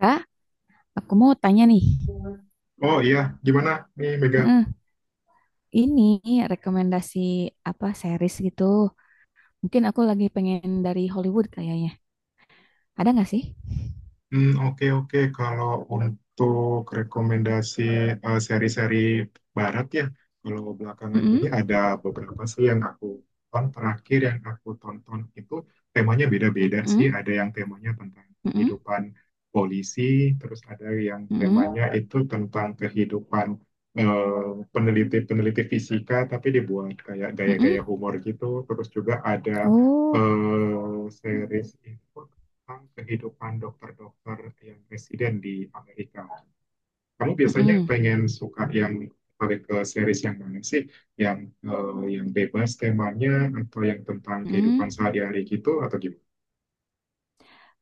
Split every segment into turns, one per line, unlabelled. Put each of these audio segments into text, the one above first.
Kak, aku mau tanya nih.
Oh iya, gimana nih Mega?
Heeh, ini rekomendasi apa series gitu? Mungkin aku lagi pengen dari Hollywood kayaknya. Ada nggak sih?
Hmm, oke oke. Kalau untuk rekomendasi seri-seri barat ya, kalau belakangan ini
Mm-mm,
ada beberapa sih yang aku tonton. Terakhir yang aku tonton itu temanya beda-beda sih.
mm-mm,
Ada yang temanya tentang
mm-mm,
kehidupan polisi, terus ada yang
mm-mm,
temanya itu tentang kehidupan peneliti-peneliti fisika, tapi dibuat kayak gaya-gaya
mm-mm.
humor gitu. Terus juga ada
Oh,
series itu tentang kehidupan dokter-dokter yang residen di Amerika. Kamu biasanya
mm-mm,
pengen suka yang balik ke series yang mana sih? Yang yang bebas temanya atau yang tentang
mm-mm.
kehidupan sehari-hari gitu atau gimana?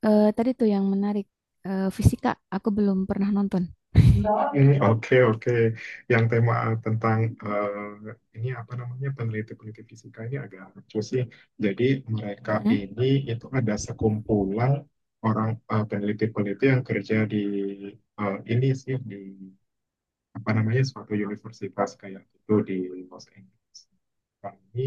Tadi tuh yang menarik fisika. Aku belum pernah nonton.
Hmm, oke oke. Yang tema tentang ini apa namanya peneliti-peneliti fisika ini agak lucu sih. Jadi mereka
Heeh,
ini itu ada sekumpulan orang peneliti-peneliti yang kerja di ini sih di apa namanya suatu universitas kayak itu di Los Angeles. Kami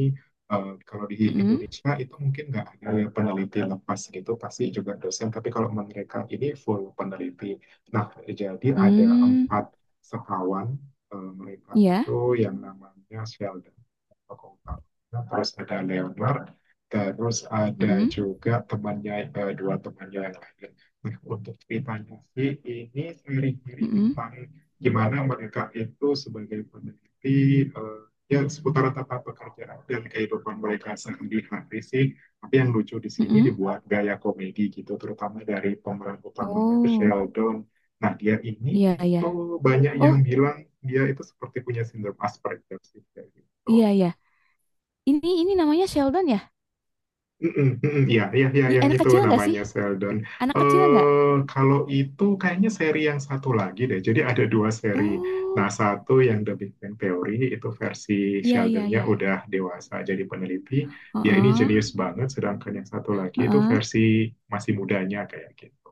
kalau di
mm-mm,
Indonesia itu mungkin nggak ada ya peneliti lepas gitu, pasti juga dosen. Tapi kalau mereka ini full peneliti. Nah, jadi ada
mm,
empat sekawan mereka
iya.
itu yang namanya Sheldon fakultas, terus ada Leonard, terus ada
Mm-mm,
juga temannya, dua temannya yang lain. Nah, untuk ceritanya sih ini seri-seri
mm-mm,
tentang gimana mereka itu sebagai peneliti, ya seputar tata pekerjaan dan kehidupan mereka sehari-hari sih, tapi yang lucu di sini
mm-mm.
dibuat gaya komedi gitu, terutama dari pemeran utamanya itu
Oh,
Sheldon. Nah, dia ini
iya iya.
itu banyak
Oh,
yang bilang dia itu seperti punya sindrom Asperger sih kayak
iya
gitu.
iya. Ini namanya Sheldon ya?
Mm-mm, mm-mm. Ya, ya, ya, yang
Anak
itu
kecil nggak sih?
namanya Sheldon.
Anak kecil nggak?
Kalau itu kayaknya seri yang satu lagi deh. Jadi ada dua seri.
Oh,
Nah, satu yang The Big Bang Theory itu versi
iya iya
Sheldonnya
iya.
udah dewasa jadi peneliti. Ya, ini
Heeh,
jenius banget. Sedangkan yang satu lagi itu
heeh.
versi masih mudanya kayak gitu.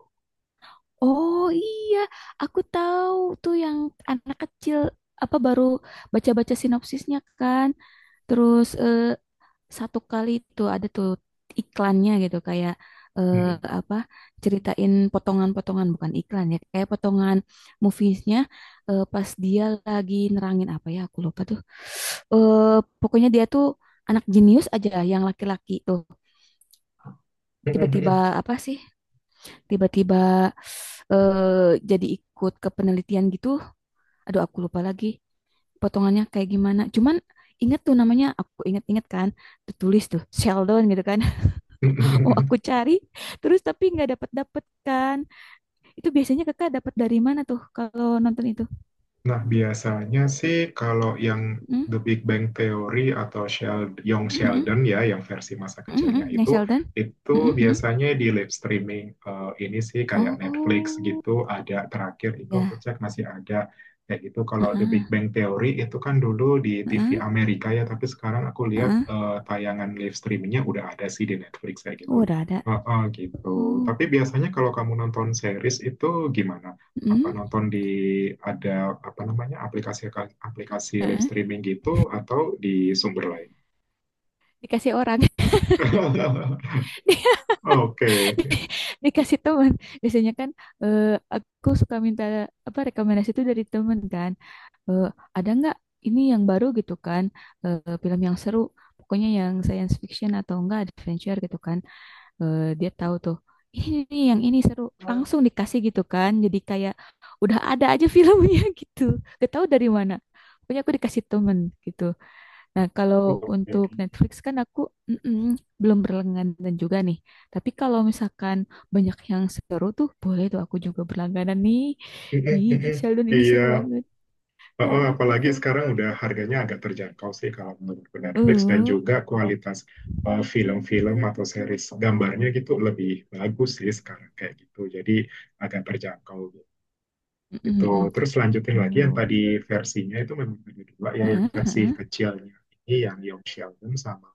Oh iya, aku tahu tuh yang anak kecil apa baru baca-baca sinopsisnya kan. Terus satu kali itu ada tuh iklannya gitu kayak eh, apa ceritain potongan-potongan, bukan iklan ya, kayak potongan moviesnya, pas dia lagi nerangin apa ya, aku lupa tuh. Pokoknya dia tuh anak jenius aja, yang laki-laki tuh, tiba-tiba
Mm.
apa sih, tiba-tiba jadi ikut ke penelitian gitu. Aduh, aku lupa lagi potongannya kayak gimana, cuman inget tuh namanya, aku inget-inget kan, tertulis tuh Sheldon gitu kan. Oh, aku cari terus tapi nggak dapet kan. Itu biasanya kakak dapat dari mana tuh kalau nonton itu?
Nah, biasanya sih kalau yang
Hmm?
The Big Bang Theory atau Sheld Young
Hmm, hmm,
Sheldon ya, yang versi masa
hmm, hmm,
kecilnya
hmm. Yang Sheldon?
itu
Hmm, hmm, hmm.
biasanya di live streaming, ini sih kayak Netflix
Oh,
gitu, ada terakhir itu aku
ya.
cek masih ada. Kayak gitu, kalau The Big
Heeh,
Bang Theory itu kan dulu di TV
heeh,
Amerika ya, tapi sekarang aku lihat,
heeh.
tayangan live streamingnya udah ada sih di Netflix kayak gitu.
Oh, udah ada.
Heeh, gitu.
Oh,
Tapi biasanya kalau kamu nonton series itu gimana?
hmm,
Apa nonton di ada apa namanya aplikasi aplikasi live
heeh.
streaming gitu, atau di sumber lain.
Dikasih orang. Di-
Oke.
di- Dikasih teman. Biasanya kan eh, aku suka minta apa rekomendasi itu dari teman kan. eh, ada nggak ini yang baru gitu kan, film yang seru, pokoknya yang science fiction atau enggak adventure gitu kan. Eh, dia tahu tuh, ini nih yang ini seru, langsung dikasih gitu kan, jadi kayak udah ada aja filmnya gitu, gak tahu dari mana. Pokoknya aku dikasih temen gitu. Nah, kalau
Oke.
untuk Netflix kan aku, mm-mm, belum berlangganan juga nih. Tapi kalau misalkan banyak yang seru tuh, boleh tuh aku juga berlangganan nih. Ih, Sheldon ini seru
Iya.
banget.
Oh, apalagi sekarang udah harganya agak terjangkau sih kalau menurutku Netflix, dan
Oh.
juga kualitas film-film atau series gambarnya gitu lebih bagus sih sekarang kayak gitu. Jadi agak terjangkau. Gitu. Gitu.
Mhm mhm.
Terus lanjutin lagi yang
Oh.
tadi, versinya itu memang ada dua ya, yang
Heeh
versi
heeh.
kecilnya ini yang Young Sheldon, sama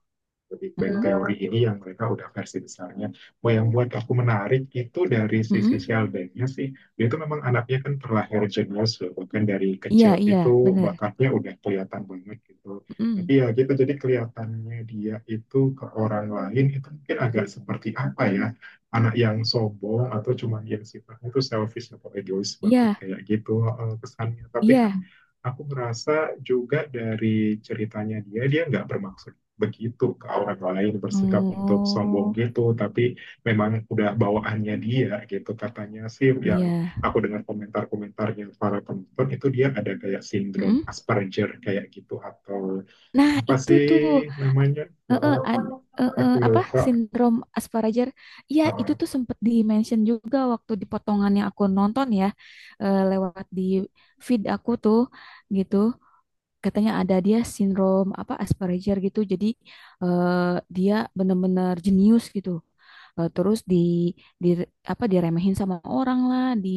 The Big Bang
Mhm.
Theory ini yang mereka udah versi besarnya. Mau yang buat aku menarik itu dari sisi
Mhm.
Sheldonnya sih, dia itu memang anaknya kan terlahir jenius loh, bahkan dari
Iya
kecil
iya,
itu
bener.
bakatnya udah kelihatan banget gitu.
Mhm.
Tapi ya gitu, jadi kelihatannya dia itu ke orang lain itu mungkin agak seperti apa ya, anak yang sombong atau cuman yang sifatnya itu selfish atau egois banget
Iya
kayak gitu kesannya. Tapi kan
iya.
aku ngerasa juga dari ceritanya dia, dia nggak bermaksud begitu ke orang lain bersikap untuk sombong
Oh,
gitu, tapi memang udah bawaannya dia gitu katanya sih, yang
iya.
aku dengar komentar-komentarnya para penonton itu dia ada kayak sindrom
Mhm.
Asperger kayak gitu atau
Nah,
apa
itu
sih
tuh,
namanya? Eh,
heeh, heeh,
Aku
apa,
lupa.
sindrom Asperger. Iya, itu
Eh,
tuh sempet di-mention juga waktu di potongan aku nonton ya, lewat di feed aku tuh, gitu. Katanya ada dia sindrom apa Asperger gitu. Jadi eh, dia benar-benar jenius gitu. Terus di apa diremehin sama orang lah, di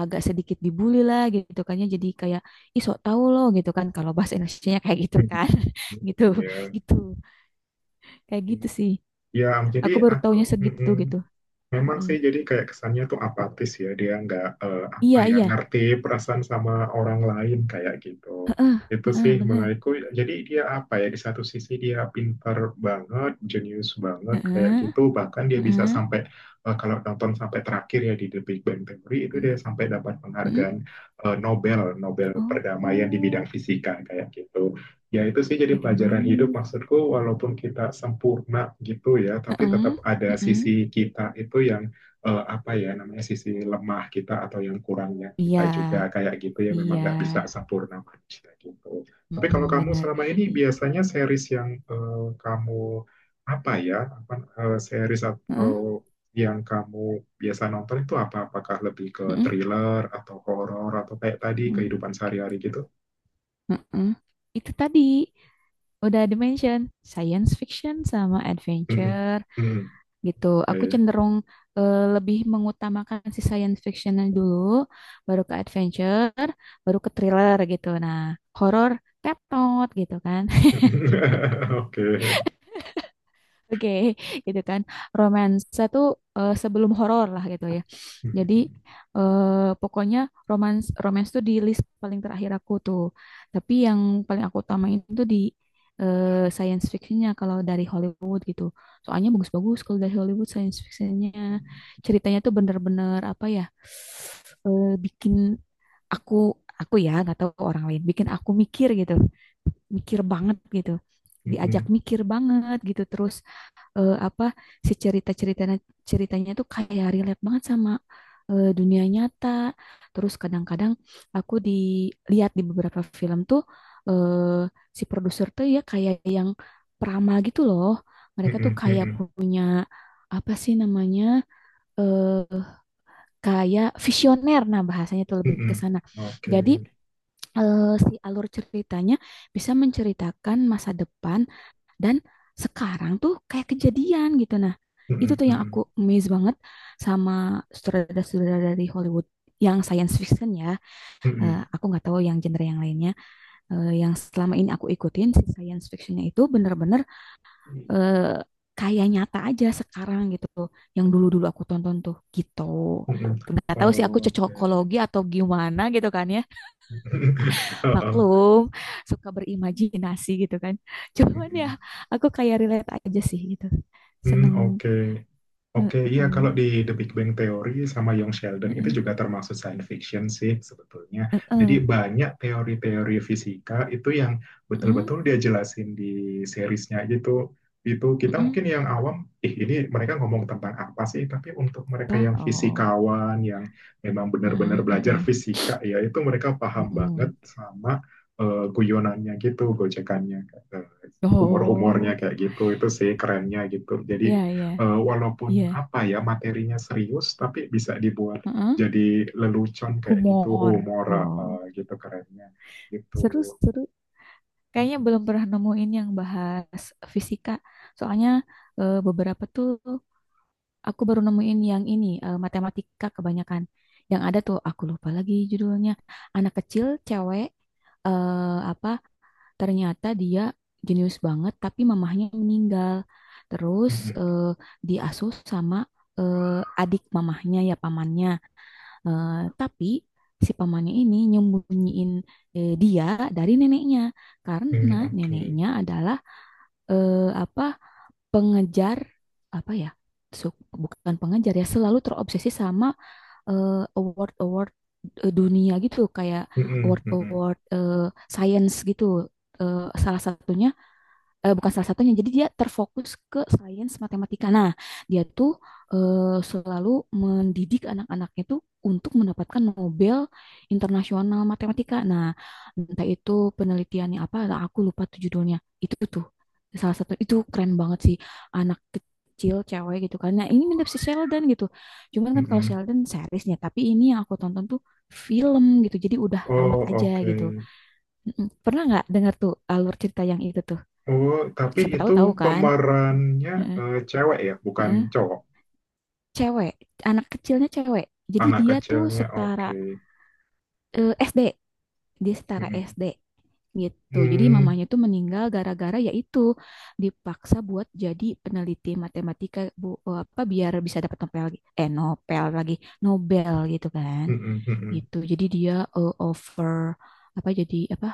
agak sedikit dibully lah gitu kan ya. Jadi kayak ih sok tahu loh gitu kan, kalau bahasa Indonesianya kayak gitu
hmm,
kan. Gitu.
Iya,
Gitu. Kayak gitu sih.
Ya, jadi
Aku baru
aku
taunya segitu
mm-mm.
gitu.
Memang
Mm-mm.
sih jadi kayak kesannya tuh apatis ya, dia nggak apa
Iya,
ya
iya.
ngerti perasaan sama orang lain kayak gitu.
Heeh,
Itu
heeh,
sih
bener.
menurutku jadi dia apa ya, di satu sisi dia pintar banget, jenius banget kayak
Heeh,
gitu, bahkan dia bisa
heeh.
sampai kalau nonton sampai terakhir ya di The Big Bang Theory itu dia sampai dapat
Mm-mm.
penghargaan eh, Nobel Nobel perdamaian di bidang
Oh,
fisika kayak gitu. Ya, itu sih jadi
keren
pelajaran hidup,
banget.
maksudku walaupun kita sempurna gitu ya, tapi
Heeh,
tetap ada
heeh.
sisi kita itu yang apa ya namanya sisi lemah kita atau yang kurangnya kita
Iya,
juga kayak gitu ya, memang
iya,
nggak bisa sempurna manusia gitu. Tapi kalau
mm
kamu
bener.
selama ini
I-
biasanya series yang kamu apa ya, apa series
Heeh,
atau yang kamu biasa nonton itu apa? Apakah lebih ke
heeh,
thriller atau horor atau kayak tadi
heeh,
kehidupan sehari-hari gitu?
heeh. Itu tadi udah dimention science fiction sama
Mm-mm.
adventure
Mm-mm.
gitu. Aku
Oke.
cenderung lebih mengutamakan si science fictionnya dulu, baru ke adventure, baru ke thriller gitu. Nah, horror, tetot gitu kan.
Oke.
Oke, gitu kan. Romance tuh sebelum horor lah gitu ya. Jadi
Mhm,
pokoknya romance romance tuh di list paling terakhir aku tuh. Tapi yang paling aku utamain tuh di science fictionnya kalau dari Hollywood gitu. Soalnya bagus-bagus kalau dari Hollywood science fictionnya, ceritanya tuh bener-bener apa ya, bikin aku aku ya nggak tahu orang lain, bikin aku mikir gitu, mikir banget gitu, diajak
mhm,
mikir banget gitu. Terus apa, si cerita ceritanya, ceritanya tuh kayak relate banget sama dunia nyata. Terus kadang-kadang aku dilihat di beberapa film tuh eh, si produser tuh ya kayak yang peramal gitu loh, mereka tuh
mhm,
kayak
mhm,
punya apa sih namanya, eh kayak visioner, nah bahasanya tuh lebih ke
mhm.
sana.
Oke.
Jadi si alur ceritanya bisa menceritakan masa depan dan sekarang tuh kayak kejadian gitu. Nah, itu
Mhm,
tuh yang
mhm,
aku amazed banget sama sutradara-sutradara dari Hollywood yang science fiction ya. Eh,
mhm,
aku nggak tahu yang genre yang lainnya. Eh, yang selama ini aku ikutin si science fictionnya itu bener-bener eh, kayak nyata aja sekarang gitu. Yang dulu-dulu aku tonton tuh gitu.
mhm.
Nggak tahu sih aku
Oke.
cocokologi atau gimana gitu kan ya,
Heeh.
maklum suka berimajinasi gitu kan, cuman ya
Mhm.
aku kayak relate aja sih gitu,
Hmm,
seneng.
oke.
Heeh,
Oke, iya
heeh,
kalau di The Big Bang Theory sama Young Sheldon itu juga termasuk science fiction sih sebetulnya.
heeh,
Jadi banyak teori-teori fisika itu yang
heeh,
betul-betul dia jelasin di seriesnya gitu. Itu kita
heeh.
mungkin yang awam, ih ini mereka ngomong tentang apa sih? Tapi untuk mereka
Apa,
yang
oh,
fisikawan, yang memang benar-benar
heeh,
belajar
heeh,
fisika ya, itu mereka paham banget
heeh.
sama guyonannya gitu, gojekannya, eh, humor-humornya
Oh,
kayak gitu. Itu sih kerennya gitu. Jadi
ya ya,
walaupun
iya.
apa ya materinya serius, tapi bisa dibuat
Heeh,
jadi lelucon kayak gitu,
humor,
humor
oh
gitu kerennya gitu.
seru seru. Kayaknya belum pernah nemuin yang bahas fisika. Soalnya beberapa tuh aku baru nemuin yang ini, matematika kebanyakan. Yang ada tuh, aku lupa lagi judulnya. Anak kecil, cewek, apa, ternyata dia jenius banget, tapi mamahnya meninggal. Terus
Mm-mm.
eh, diasuh sama adik mamahnya, ya pamannya. Eh, tapi si pamannya ini nyembunyiin dia dari neneknya. Karena
Mm, oke.
neneknya adalah apa pengejar apa ya, su- bukan pengejar ya, selalu terobsesi sama award-award dunia gitu, kayak
Mm-mm, mm-mm,
award-award science gitu. Eh, salah satunya, bukan salah satunya. Jadi dia terfokus ke sains matematika. Nah, dia tuh selalu mendidik anak-anaknya tuh untuk mendapatkan Nobel Internasional Matematika. Nah, entah itu penelitiannya apa, aku lupa tuh judulnya. Itu tuh salah satu itu keren banget sih, anak kecil cewek gitu kan. Nah, ini mirip si Sheldon gitu. Cuman kan kalau
mm-mm.
Sheldon seriesnya, tapi ini yang aku tonton tuh film gitu. Jadi udah tamat
Oh
aja
oke.
gitu. Mm-mm. Pernah nggak dengar tuh alur cerita yang itu tuh?
Oh tapi
Siapa tahu
itu
tahu kan.
pemerannya
Heeh,
cewek ya, bukan
heeh.
cowok.
Cewek, anak kecilnya cewek. Jadi
Anak
dia tuh
kecilnya
setara
oke.
SD, dia setara
Mm-mm.
SD gitu. Jadi
Mm,
mamanya tuh meninggal gara-gara yaitu dipaksa buat jadi peneliti matematika, apa biar bisa dapat Nobel lagi, Nobel gitu kan.
mm-mm, mm-mm.
Gitu jadi dia over apa, jadi apa,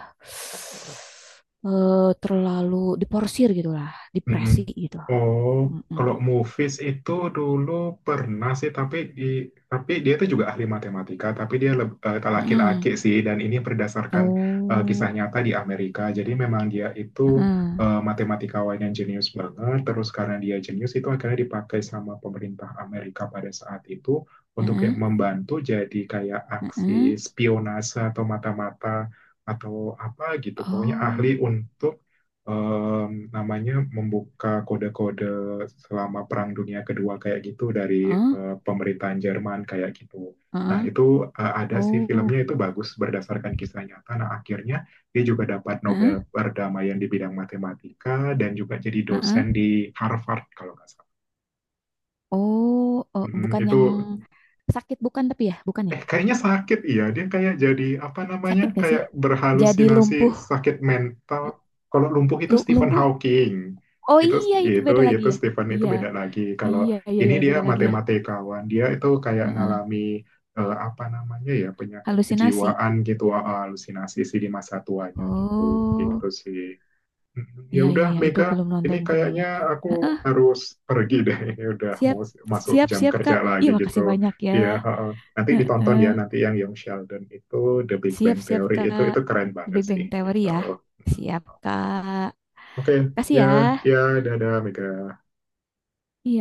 terlalu diporsir gitu lah,
Mm-mm.
depresi gitu.
Oh,
Mm-mm.
kalau movies itu dulu pernah sih, tapi di, tapi dia itu juga ahli matematika, tapi dia leb- tak
Mm-mm.
laki-laki sih, dan ini berdasarkan
Oh,
kisah nyata di Amerika. Jadi memang dia itu
heeh,
matematikawan yang jenius banget. Terus karena dia jenius itu akhirnya dipakai sama pemerintah Amerika pada saat itu untuk kayak
heeh,
membantu, jadi kayak aksi
heeh.
spionase atau mata-mata atau apa gitu. Pokoknya ahli
Oh,
untuk em, namanya membuka kode-kode selama Perang Dunia Kedua kayak gitu dari
heeh,
pemerintahan Jerman kayak gitu. Nah,
heeh.
itu ada sih
Oh,
filmnya, itu bagus berdasarkan kisah nyata. Nah, akhirnya dia juga dapat Nobel
heeh,
perdamaian di bidang matematika, dan juga jadi
heeh.
dosen di Harvard kalau nggak salah.
Oh,
Mm,
bukan
itu
yang sakit, bukan tapi ya, bukan ya?
kayaknya sakit, iya dia kayak jadi apa namanya
Sakit gak sih?
kayak
Jadi
berhalusinasi,
lumpuh,
sakit mental. Kalau lumpuh itu Stephen
lumpuh.
Hawking,
Oh
itu
iya, itu beda lagi
itu
ya.
Stephen itu
Iya,
beda lagi. Kalau
iya, iya,
ini
iya,
dia
beda lagi ya.
matematikawan, dia itu kayak
Heeh.
ngalami apa namanya ya, penyakit
Halusinasi.
kejiwaan gitu, ah, halusinasi sih di masa tuanya gitu,
Oh,
gitu sih. Mm, ya
iya, iya,
udah
iya, itu
Mega,
belum
ini
nonton kayaknya.
kayaknya aku
Heeh,
harus pergi deh. Ini udah
siap,
mau s- masuk
siap,
jam
siap,
kerja
Kak.
lagi
Ih,
gitu.
makasih banyak ya.
Iya, heeh. Nanti ditonton
Heeh.
ya nanti yang Young Sheldon itu, The Big Bang
Siap-siap
Theory itu
Kak.
itu keren
The
banget
Big Bang
sih
Theory
gitu.
ya.
Hmm.
Siap Kak.
Oke,
Kasih
ya,
ya.
ya, dadah Mega.
Iya.